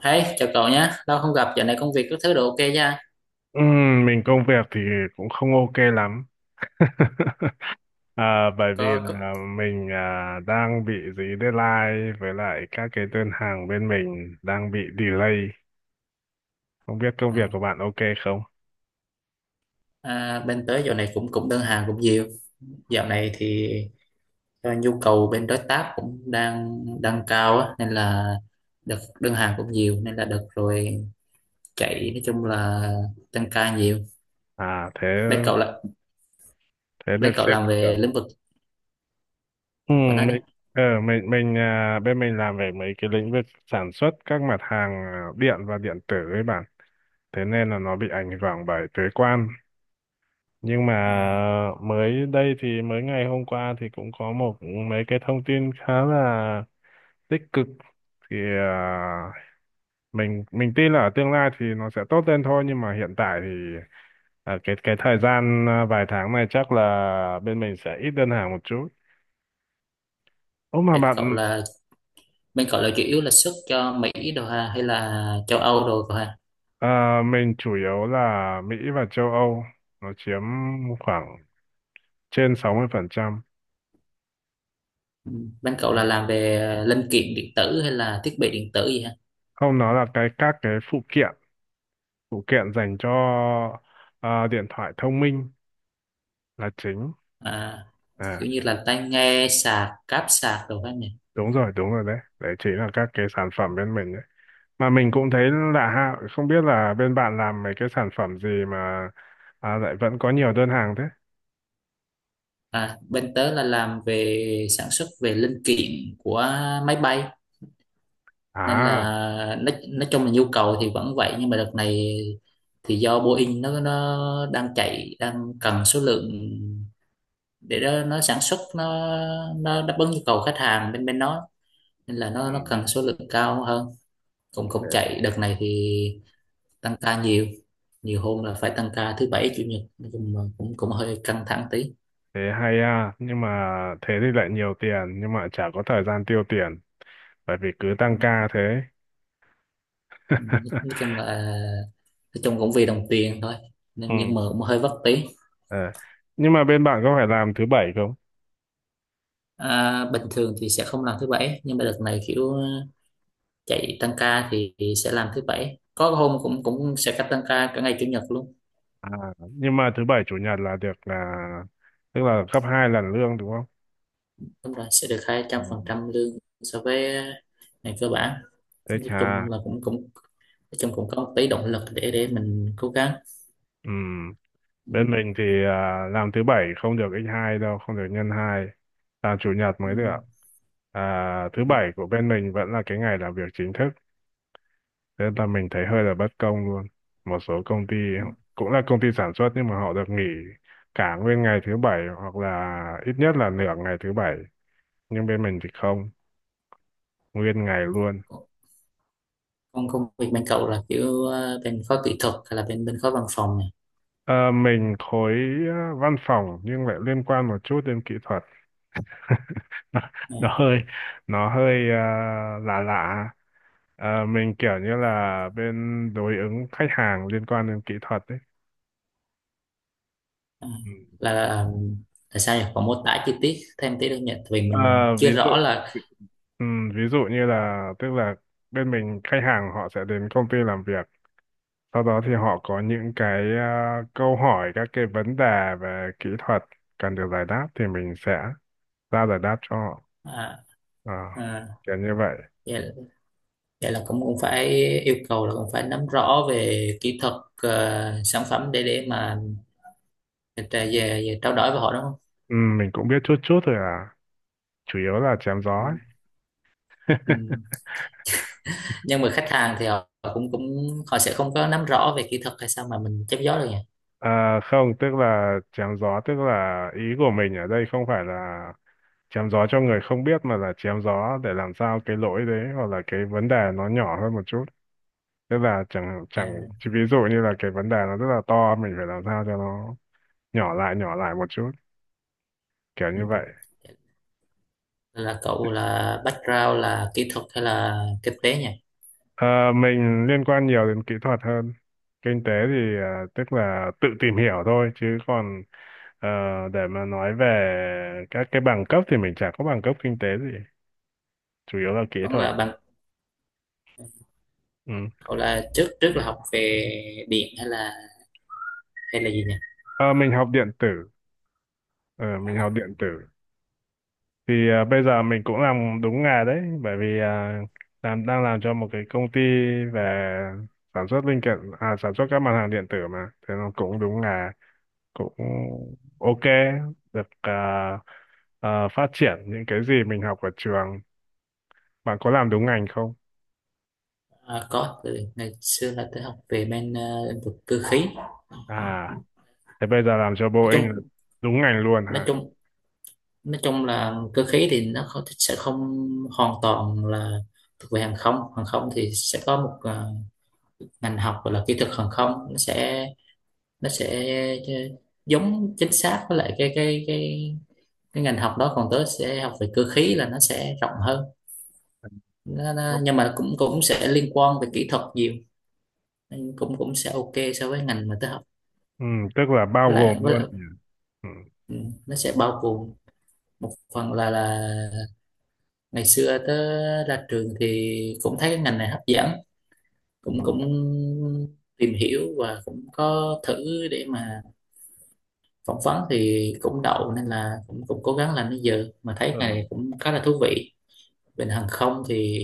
Hey, chào cậu nhé, lâu không gặp, dạo này công việc các thứ đều ok nha. Mình công việc thì cũng không ok lắm. Bởi vì Có, có. là mình đang bị dí deadline với lại các cái đơn hàng bên mình đang bị delay. Không biết công Ừ. việc của bạn ok không? À, bên tới dạo này cũng cũng đơn hàng cũng nhiều. Dạo này thì do nhu cầu bên đối tác cũng đang đang cao á, nên là đợt đơn hàng cũng nhiều nên là đợt rồi chạy nói chung là tăng ca nhiều. Thế Bên cậu là thế được Bên cậu sếp làm về kiểu. lĩnh vực của nó đấy. Mình mình bên mình làm về mấy cái lĩnh vực sản xuất các mặt hàng điện và điện tử với bạn, thế nên là nó bị ảnh hưởng bởi thuế quan. Nhưng mà À, mới đây thì mới ngày hôm qua thì cũng có một mấy cái thông tin khá là tích cực, thì à, mình tin là ở tương lai thì nó sẽ tốt lên thôi, nhưng mà hiện tại thì cái thời gian vài tháng này chắc là bên mình sẽ ít đơn hàng một chút. Ô mà bên cậu bạn, là bên cậu là chủ yếu là xuất cho Mỹ đồ ha hay là châu Âu đồ cậu ha? Mình chủ yếu là Mỹ và châu Âu, nó chiếm khoảng trên 60%. Ừ. Bên cậu Ừ. là làm về linh kiện điện tử hay là thiết bị điện tử gì ha? Không, nói là cái các phụ kiện, phụ kiện dành cho điện thoại thông minh là chính. À, À, kiểu như là tai nghe sạc cáp sạc đồ các nhỉ. đúng rồi, đúng rồi, đấy đấy chính là các cái sản phẩm bên mình đấy. Mà mình cũng thấy lạ ha, không biết là bên bạn làm mấy cái sản phẩm gì mà lại vẫn có nhiều đơn hàng thế. À, bên tớ là làm về sản xuất về linh kiện của máy bay nên là À. nói chung là nhu cầu thì vẫn vậy, nhưng mà đợt này thì do Boeing nó đang chạy đang cần số lượng để đó nó sản xuất nó đáp ứng nhu cầu khách hàng bên bên nó, nên là Ừ. nó cần số lượng cao hơn, cũng Thế. cũng chạy đợt này thì tăng ca nhiều, nhiều hôm là phải tăng ca thứ bảy chủ nhật, nói chung là cũng cũng hơi căng thẳng tí. Thế hay à, nhưng mà thế thì lại nhiều tiền nhưng mà chả có thời gian tiêu tiền, bởi vì cứ Ừ, tăng ca thế. ừ, nói chung là nói chung cũng vì đồng tiền thôi nên Ừ. nhưng mà cũng hơi vất tí. Ờ. Nhưng mà bên bạn có phải làm thứ bảy không? À, bình thường thì sẽ không làm thứ bảy, nhưng mà đợt này kiểu chạy tăng ca thì sẽ làm thứ bảy, có hôm cũng cũng sẽ cắt tăng ca cả ngày chủ nhật luôn. À, nhưng mà thứ bảy chủ nhật là được, là tức là gấp hai lần lương đúng không? Đúng rồi, sẽ được hai trăm Ừ. phần trăm lương so với ngày cơ bản. Thế Nói chà. chung là cũng cũng nói chung cũng có một tí động lực để mình cố gắng. Ừ. Ừ, Bên mình thì làm thứ bảy không được x 2 đâu, không được nhân hai, làm chủ nhật ừ, mới được. Thứ ừ, bảy của bên mình vẫn là cái ngày làm việc chính thức. Thế là mình thấy hơi là bất công luôn. Một số công ty ừ. cũng là công ty sản xuất nhưng mà họ được nghỉ cả nguyên ngày thứ bảy hoặc là ít nhất là nửa ngày thứ bảy. Nhưng bên mình thì không, nguyên ngày luôn. Còn công việc bên cậu là kiểu bên khối kỹ thuật hay là bên bên khối văn phòng này? Ờ, mình khối văn phòng nhưng lại liên quan một chút đến kỹ thuật. nó, Ờ, nó hơi nó hơi lạ lạ. Ờ, mình kiểu như là bên đối ứng khách hàng liên quan đến kỹ thuật đấy. ờ, Ừ. là là sao nhỉ? Còn mô tả chi tiết thêm tí được nhỉ? Tại vì Ờ, mình ví chưa dụ, rõ là. Ví dụ như là tức là bên mình khách hàng họ sẽ đến công ty làm việc, sau đó thì họ có những cái câu hỏi, các cái vấn đề về kỹ thuật cần được giải đáp thì mình sẽ ra giải đáp cho họ. à, Ờ, à, kiểu như vậy. vậy, vậy là cũng cũng phải yêu cầu là cũng phải nắm rõ về kỹ thuật, sản phẩm để mà về, về trao đổi với họ đúng không? Ừ, mình cũng biết chút chút thôi à. Chủ yếu là chém gió Ừ. ấy. Ừ. Nhưng mà khách hàng thì họ họ cũng cũng họ sẽ không có nắm rõ về kỹ thuật hay sao mà mình chấp gió được nhỉ? À, không, tức là chém gió, tức là ý của mình ở đây không phải là chém gió cho người không biết mà là chém gió để làm sao cái lỗi đấy hoặc là cái vấn đề nó nhỏ hơn một chút. Tức là chẳng chẳng À, chỉ ví dụ như là cái vấn đề nó rất là to mình phải làm sao cho nó nhỏ lại, nhỏ lại một chút, kiểu ừ. như vậy. Nên là cậu là background là kỹ thuật hay là kinh tế nhỉ? Ờ, mình liên quan nhiều đến kỹ thuật hơn. Kinh tế thì tức là tự tìm hiểu thôi, chứ còn ờ, để mà nói về các cái bằng cấp thì mình chả có bằng cấp kinh tế gì, chủ yếu là kỹ Vẫn thuật. là bằng Ừ. cậu là trước trước là học về điện hay là gì nhỉ? Ờ, mình học điện tử. Ờ, mình à, học điện tử. Thì ờ, bây giờ mình cũng làm đúng nghề đấy, bởi vì đang làm cho một cái công ty về sản xuất linh kiện, à, sản xuất các mặt hàng điện tử mà, thế nó cũng đúng nghề, cũng ok, được phát triển những cái gì mình học ở trường. Bạn có làm đúng ngành không? Có, từ ngày xưa là tôi học về bên lĩnh vực cơ khí. À, thế bây giờ làm cho nói Boeing là chung đúng ngành luôn nói hả? chung nói chung là cơ khí thì nó không, sẽ không hoàn toàn là thuộc về hàng không. Hàng không thì sẽ có một ngành học gọi là kỹ thuật hàng không, nó sẽ giống chính xác với lại cái ngành học đó, còn tớ sẽ học về cơ khí là nó sẽ rộng hơn, Nó- nhưng mà cũng cũng sẽ liên quan về kỹ thuật nhiều. Nên cũng cũng sẽ ok so với ngành mà tớ học. Ừ, tức là bao với lại, gồm với luôn lại nhỉ? Ừ. ừ, nó sẽ bao gồm một phần là ngày xưa tớ ra trường thì cũng thấy cái ngành này hấp dẫn, cũng Ừ. cũng tìm hiểu và cũng có thử để mà phỏng vấn thì cũng đậu, nên là cũng cũng cố gắng làm đến giờ, mà thấy cái Ờ. này cũng khá là thú vị. Bên hàng không thì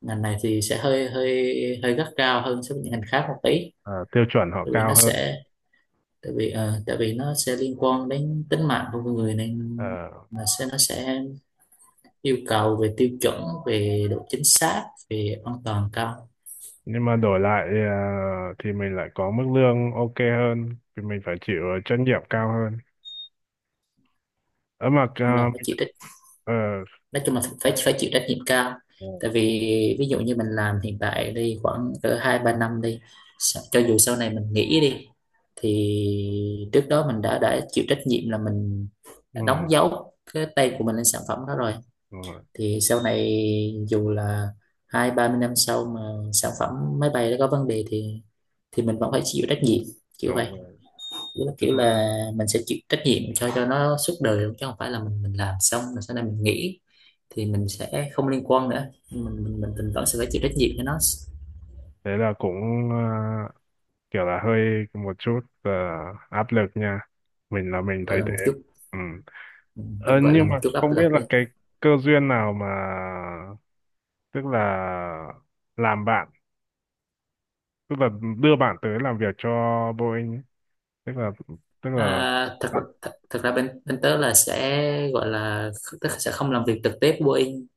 ngành này thì sẽ hơi hơi hơi gắt gao hơn so với những ngành khác một tí. À, tiêu chuẩn họ tại vì cao nó hơn. sẽ Tại vì nó sẽ liên quan đến tính mạng của con người, nên Ờ, mà sẽ nó sẽ yêu cầu về tiêu chuẩn, về độ chính xác, về an toàn cao. Nhưng mà đổi lại thì mình lại có mức lương ok hơn thì mình phải chịu trách nhiệm cao hơn ở mà chung là phải mình- chỉ trách ờ, nói chung là phải phải chịu trách nhiệm cao. Tại vì ví dụ như mình làm hiện tại đi khoảng cỡ 2-3 năm đi, cho dù sau này mình nghỉ đi, thì trước đó mình đã chịu trách nhiệm là mình đã đóng ừ, dấu cái tay của mình lên sản phẩm đó rồi. đúng rồi, Thì sau này dù là 20-30 năm sau mà sản phẩm máy bay nó có vấn đề, thì mình vẫn phải chịu trách nhiệm, kiểu đúng vậy. rồi. Tức là Tức kiểu là, là mình sẽ chịu trách nhiệm cho nó suốt đời luôn, chứ không phải là mình làm xong rồi sau này mình nghỉ thì mình sẽ không liên quan nữa. Nhưng mình vẫn sẽ phải chịu trách nhiệm cho nó. thế là cũng kiểu là hơi một chút áp lực nha, mình là mình Gọi thấy là thế. một chút, Ừ. Ờ, cũng gọi là nhưng một mà chút áp không biết lực là đi. cái cơ duyên nào mà tức là làm bạn, tức là đưa bạn tới làm việc cho Boeing ấy. Tức là tức là À, thật, bạn thật thật ra bên bên tớ là sẽ gọi là tớ sẽ không làm việc trực tiếp với Boeing,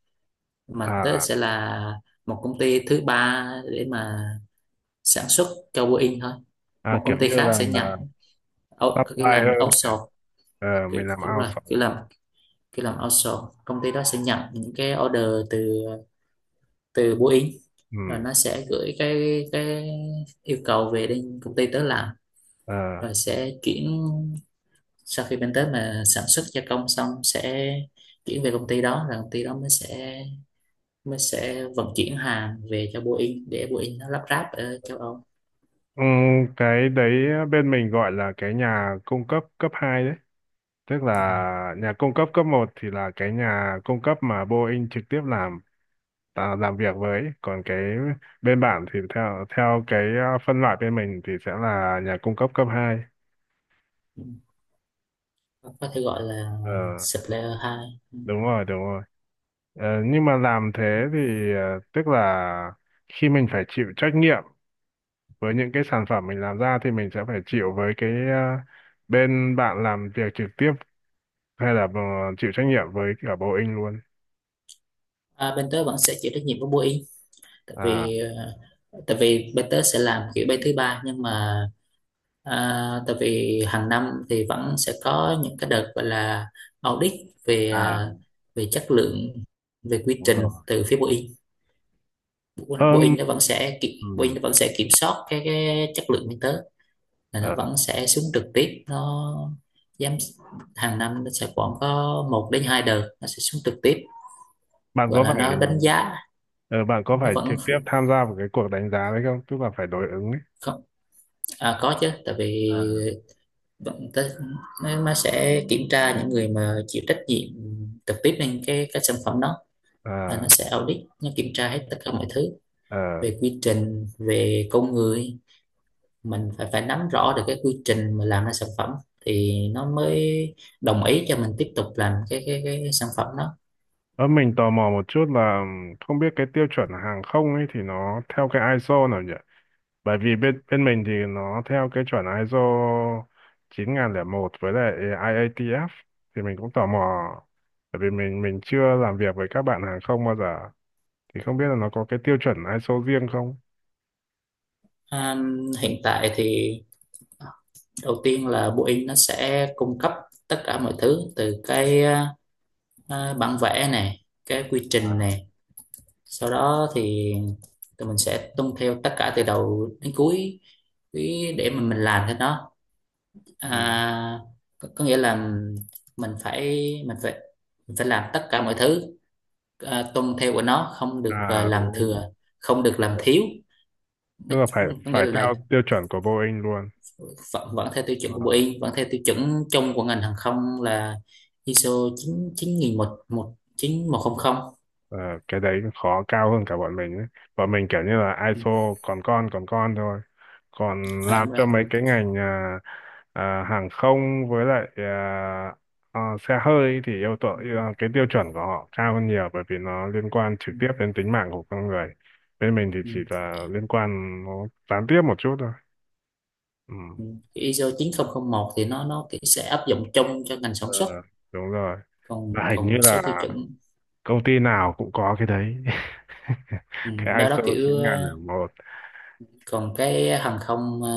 mà tớ à, sẽ là một công ty thứ ba để mà sản xuất cho Boeing thôi. Một kiểu công ty như khác sẽ nhận là supply kiểu làm hơn. outsource, Ờ, kiểu, mình làm kiểu là outsource. kiểu làm khi làm outsource công ty đó sẽ nhận những cái order từ từ Boeing, rồi Ừ. nó sẽ gửi cái yêu cầu về đến công ty tớ làm, Ờ. rồi sẽ chuyển sau khi bên tớ mà sản xuất gia công xong sẽ chuyển về công ty đó, rồi công ty đó mới sẽ vận chuyển hàng về cho Boeing để Boeing nó lắp ráp ở châu Âu. Ừ, cái đấy bên mình gọi là cái nhà cung cấp cấp 2 đấy, tức là nhà cung cấp cấp một thì là cái nhà cung cấp mà Boeing trực tiếp làm làm việc với, còn cái bên bạn thì theo theo cái phân loại bên mình thì sẽ là nhà cung cấp cấp 2. Ừ. Có thể gọi là Ờ, supplier hai. đúng rồi, đúng rồi. Ờ, nhưng mà làm thế thì tức là khi mình phải chịu trách nhiệm với những cái sản phẩm mình làm ra thì mình sẽ phải chịu với cái bên bạn làm việc trực tiếp, hay là chịu trách nhiệm với cả Boeing luôn. À, bên tớ vẫn sẽ chịu trách nhiệm của Boeing, tại À, vì tại vì bên tớ sẽ làm kiểu bay thứ ba, nhưng mà tại vì hàng năm thì vẫn sẽ có những cái đợt gọi là audit về à về chất lượng, về quy đúng trình rồi. từ phía Boeing. ờm, Boeing nó vẫn sẽ kiểm Boeing ừm, nó vẫn sẽ kiểm soát cái chất lượng bên tớ, là nó ờ, vẫn sẽ xuống trực tiếp. Nó giám Hàng năm nó sẽ khoảng có 1 đến 2 đợt nó sẽ xuống trực tiếp, Bạn gọi có là phải nó đánh giá. ờ, bạn có Nó phải vẫn trực tiếp tham gia vào cái cuộc đánh giá đấy không? Tức là phải đối ứng ấy. Không, à, có chứ, tại vì À. vẫn tới nó sẽ kiểm tra những người mà chịu trách nhiệm trực tiếp lên cái sản phẩm đó, là nó À, sẽ audit, nó kiểm tra hết tất cả mọi thứ ờ. về quy trình, về con người. Mình phải phải nắm rõ được cái quy trình mà làm ra sản phẩm thì nó mới đồng ý cho mình tiếp tục làm cái sản phẩm đó. Ờ, mình tò mò một chút là không biết cái tiêu chuẩn hàng không ấy thì nó theo cái ISO nào nhỉ? Bởi vì bên bên mình thì nó theo cái chuẩn ISO một với lại IATF thì mình cũng tò mò bởi vì mình chưa làm việc với các bạn hàng không bao giờ thì không biết là nó có cái tiêu chuẩn ISO riêng không? À, hiện tại thì đầu tiên là Boeing nó sẽ cung cấp tất cả mọi thứ, từ cái bản vẽ này, cái quy trình À. này, sau đó thì tụi mình sẽ tuân theo tất cả từ đầu đến cuối cái để mà mình làm cái đó. Ừ. À, có nghĩa là mình phải mình phải mình phải làm tất cả mọi thứ, à, tuân theo của nó, không được à, À làm đúng rồi. thừa, không được Đúng làm rồi. thiếu nó, Tức là phải có nghĩa phải theo là tiêu chuẩn của Boeing luôn. vẫn theo tiêu chuẩn của bộ Ờ. Y vẫn theo tiêu chuẩn chung của ngành hàng không là ISO 9 9100. Ờ, cái đấy khó cao hơn cả bọn mình ấy. Bọn mình kiểu như là ISO còn con, còn con thôi. Còn À, làm đúng rồi. cho mấy cái ngành hàng không với lại xe hơi thì yêu cầu Ừ. cái tiêu chuẩn của họ cao hơn nhiều bởi vì nó liên quan Ừ. trực tiếp đến tính mạng của con người. Bên mình thì chỉ Ừ. là liên quan nó gián tiếp một chút thôi. Ừ. ISO một thì nó kiểu sẽ áp dụng chung cho ngành sản Ờ, xuất, đúng rồi. còn Và hình còn như một số là tiêu chuẩn. công ty nào cũng có cái đấy. Ừ, Cái đó đó ISO kiểu 9001. còn cái hàng không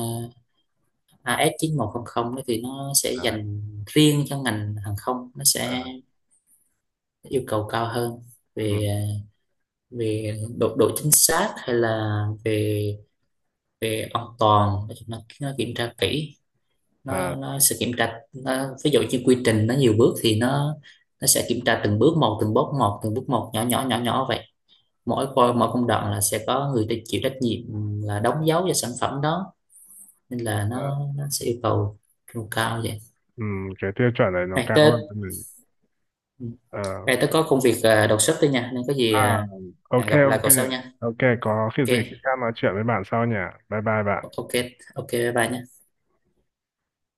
AS 9100 đó thì nó sẽ À, dành riêng cho ngành hàng không, nó sẽ à. yêu cầu cao hơn Ừ. về về độ độ chính xác hay là về về an toàn, nói chung là nó kiểm tra kỹ. À, Nó sẽ kiểm tra nó, ví dụ như quy trình nó nhiều bước thì nó sẽ kiểm tra từng bước một, từng bước một, từng bước một, nhỏ nhỏ nhỏ nhỏ vậy. Mỗi công đoạn là sẽ có người ta chịu trách nhiệm là đóng dấu cho sản phẩm đó, nên là à, nó sẽ yêu cầu yêu cao vậy. ừ, cái tiêu chuẩn này nó này cao tớ hơn mình. Ờ, này tớ có công việc à, đột xuất thôi nha, nên có gì à à, ok, hẹn gặp lại ok. cậu sau nha. Ok, có khi gì Ok. khi khác nói chuyện với bạn sau nhỉ. Bye bye bạn. Ok. Ok bye bye nha.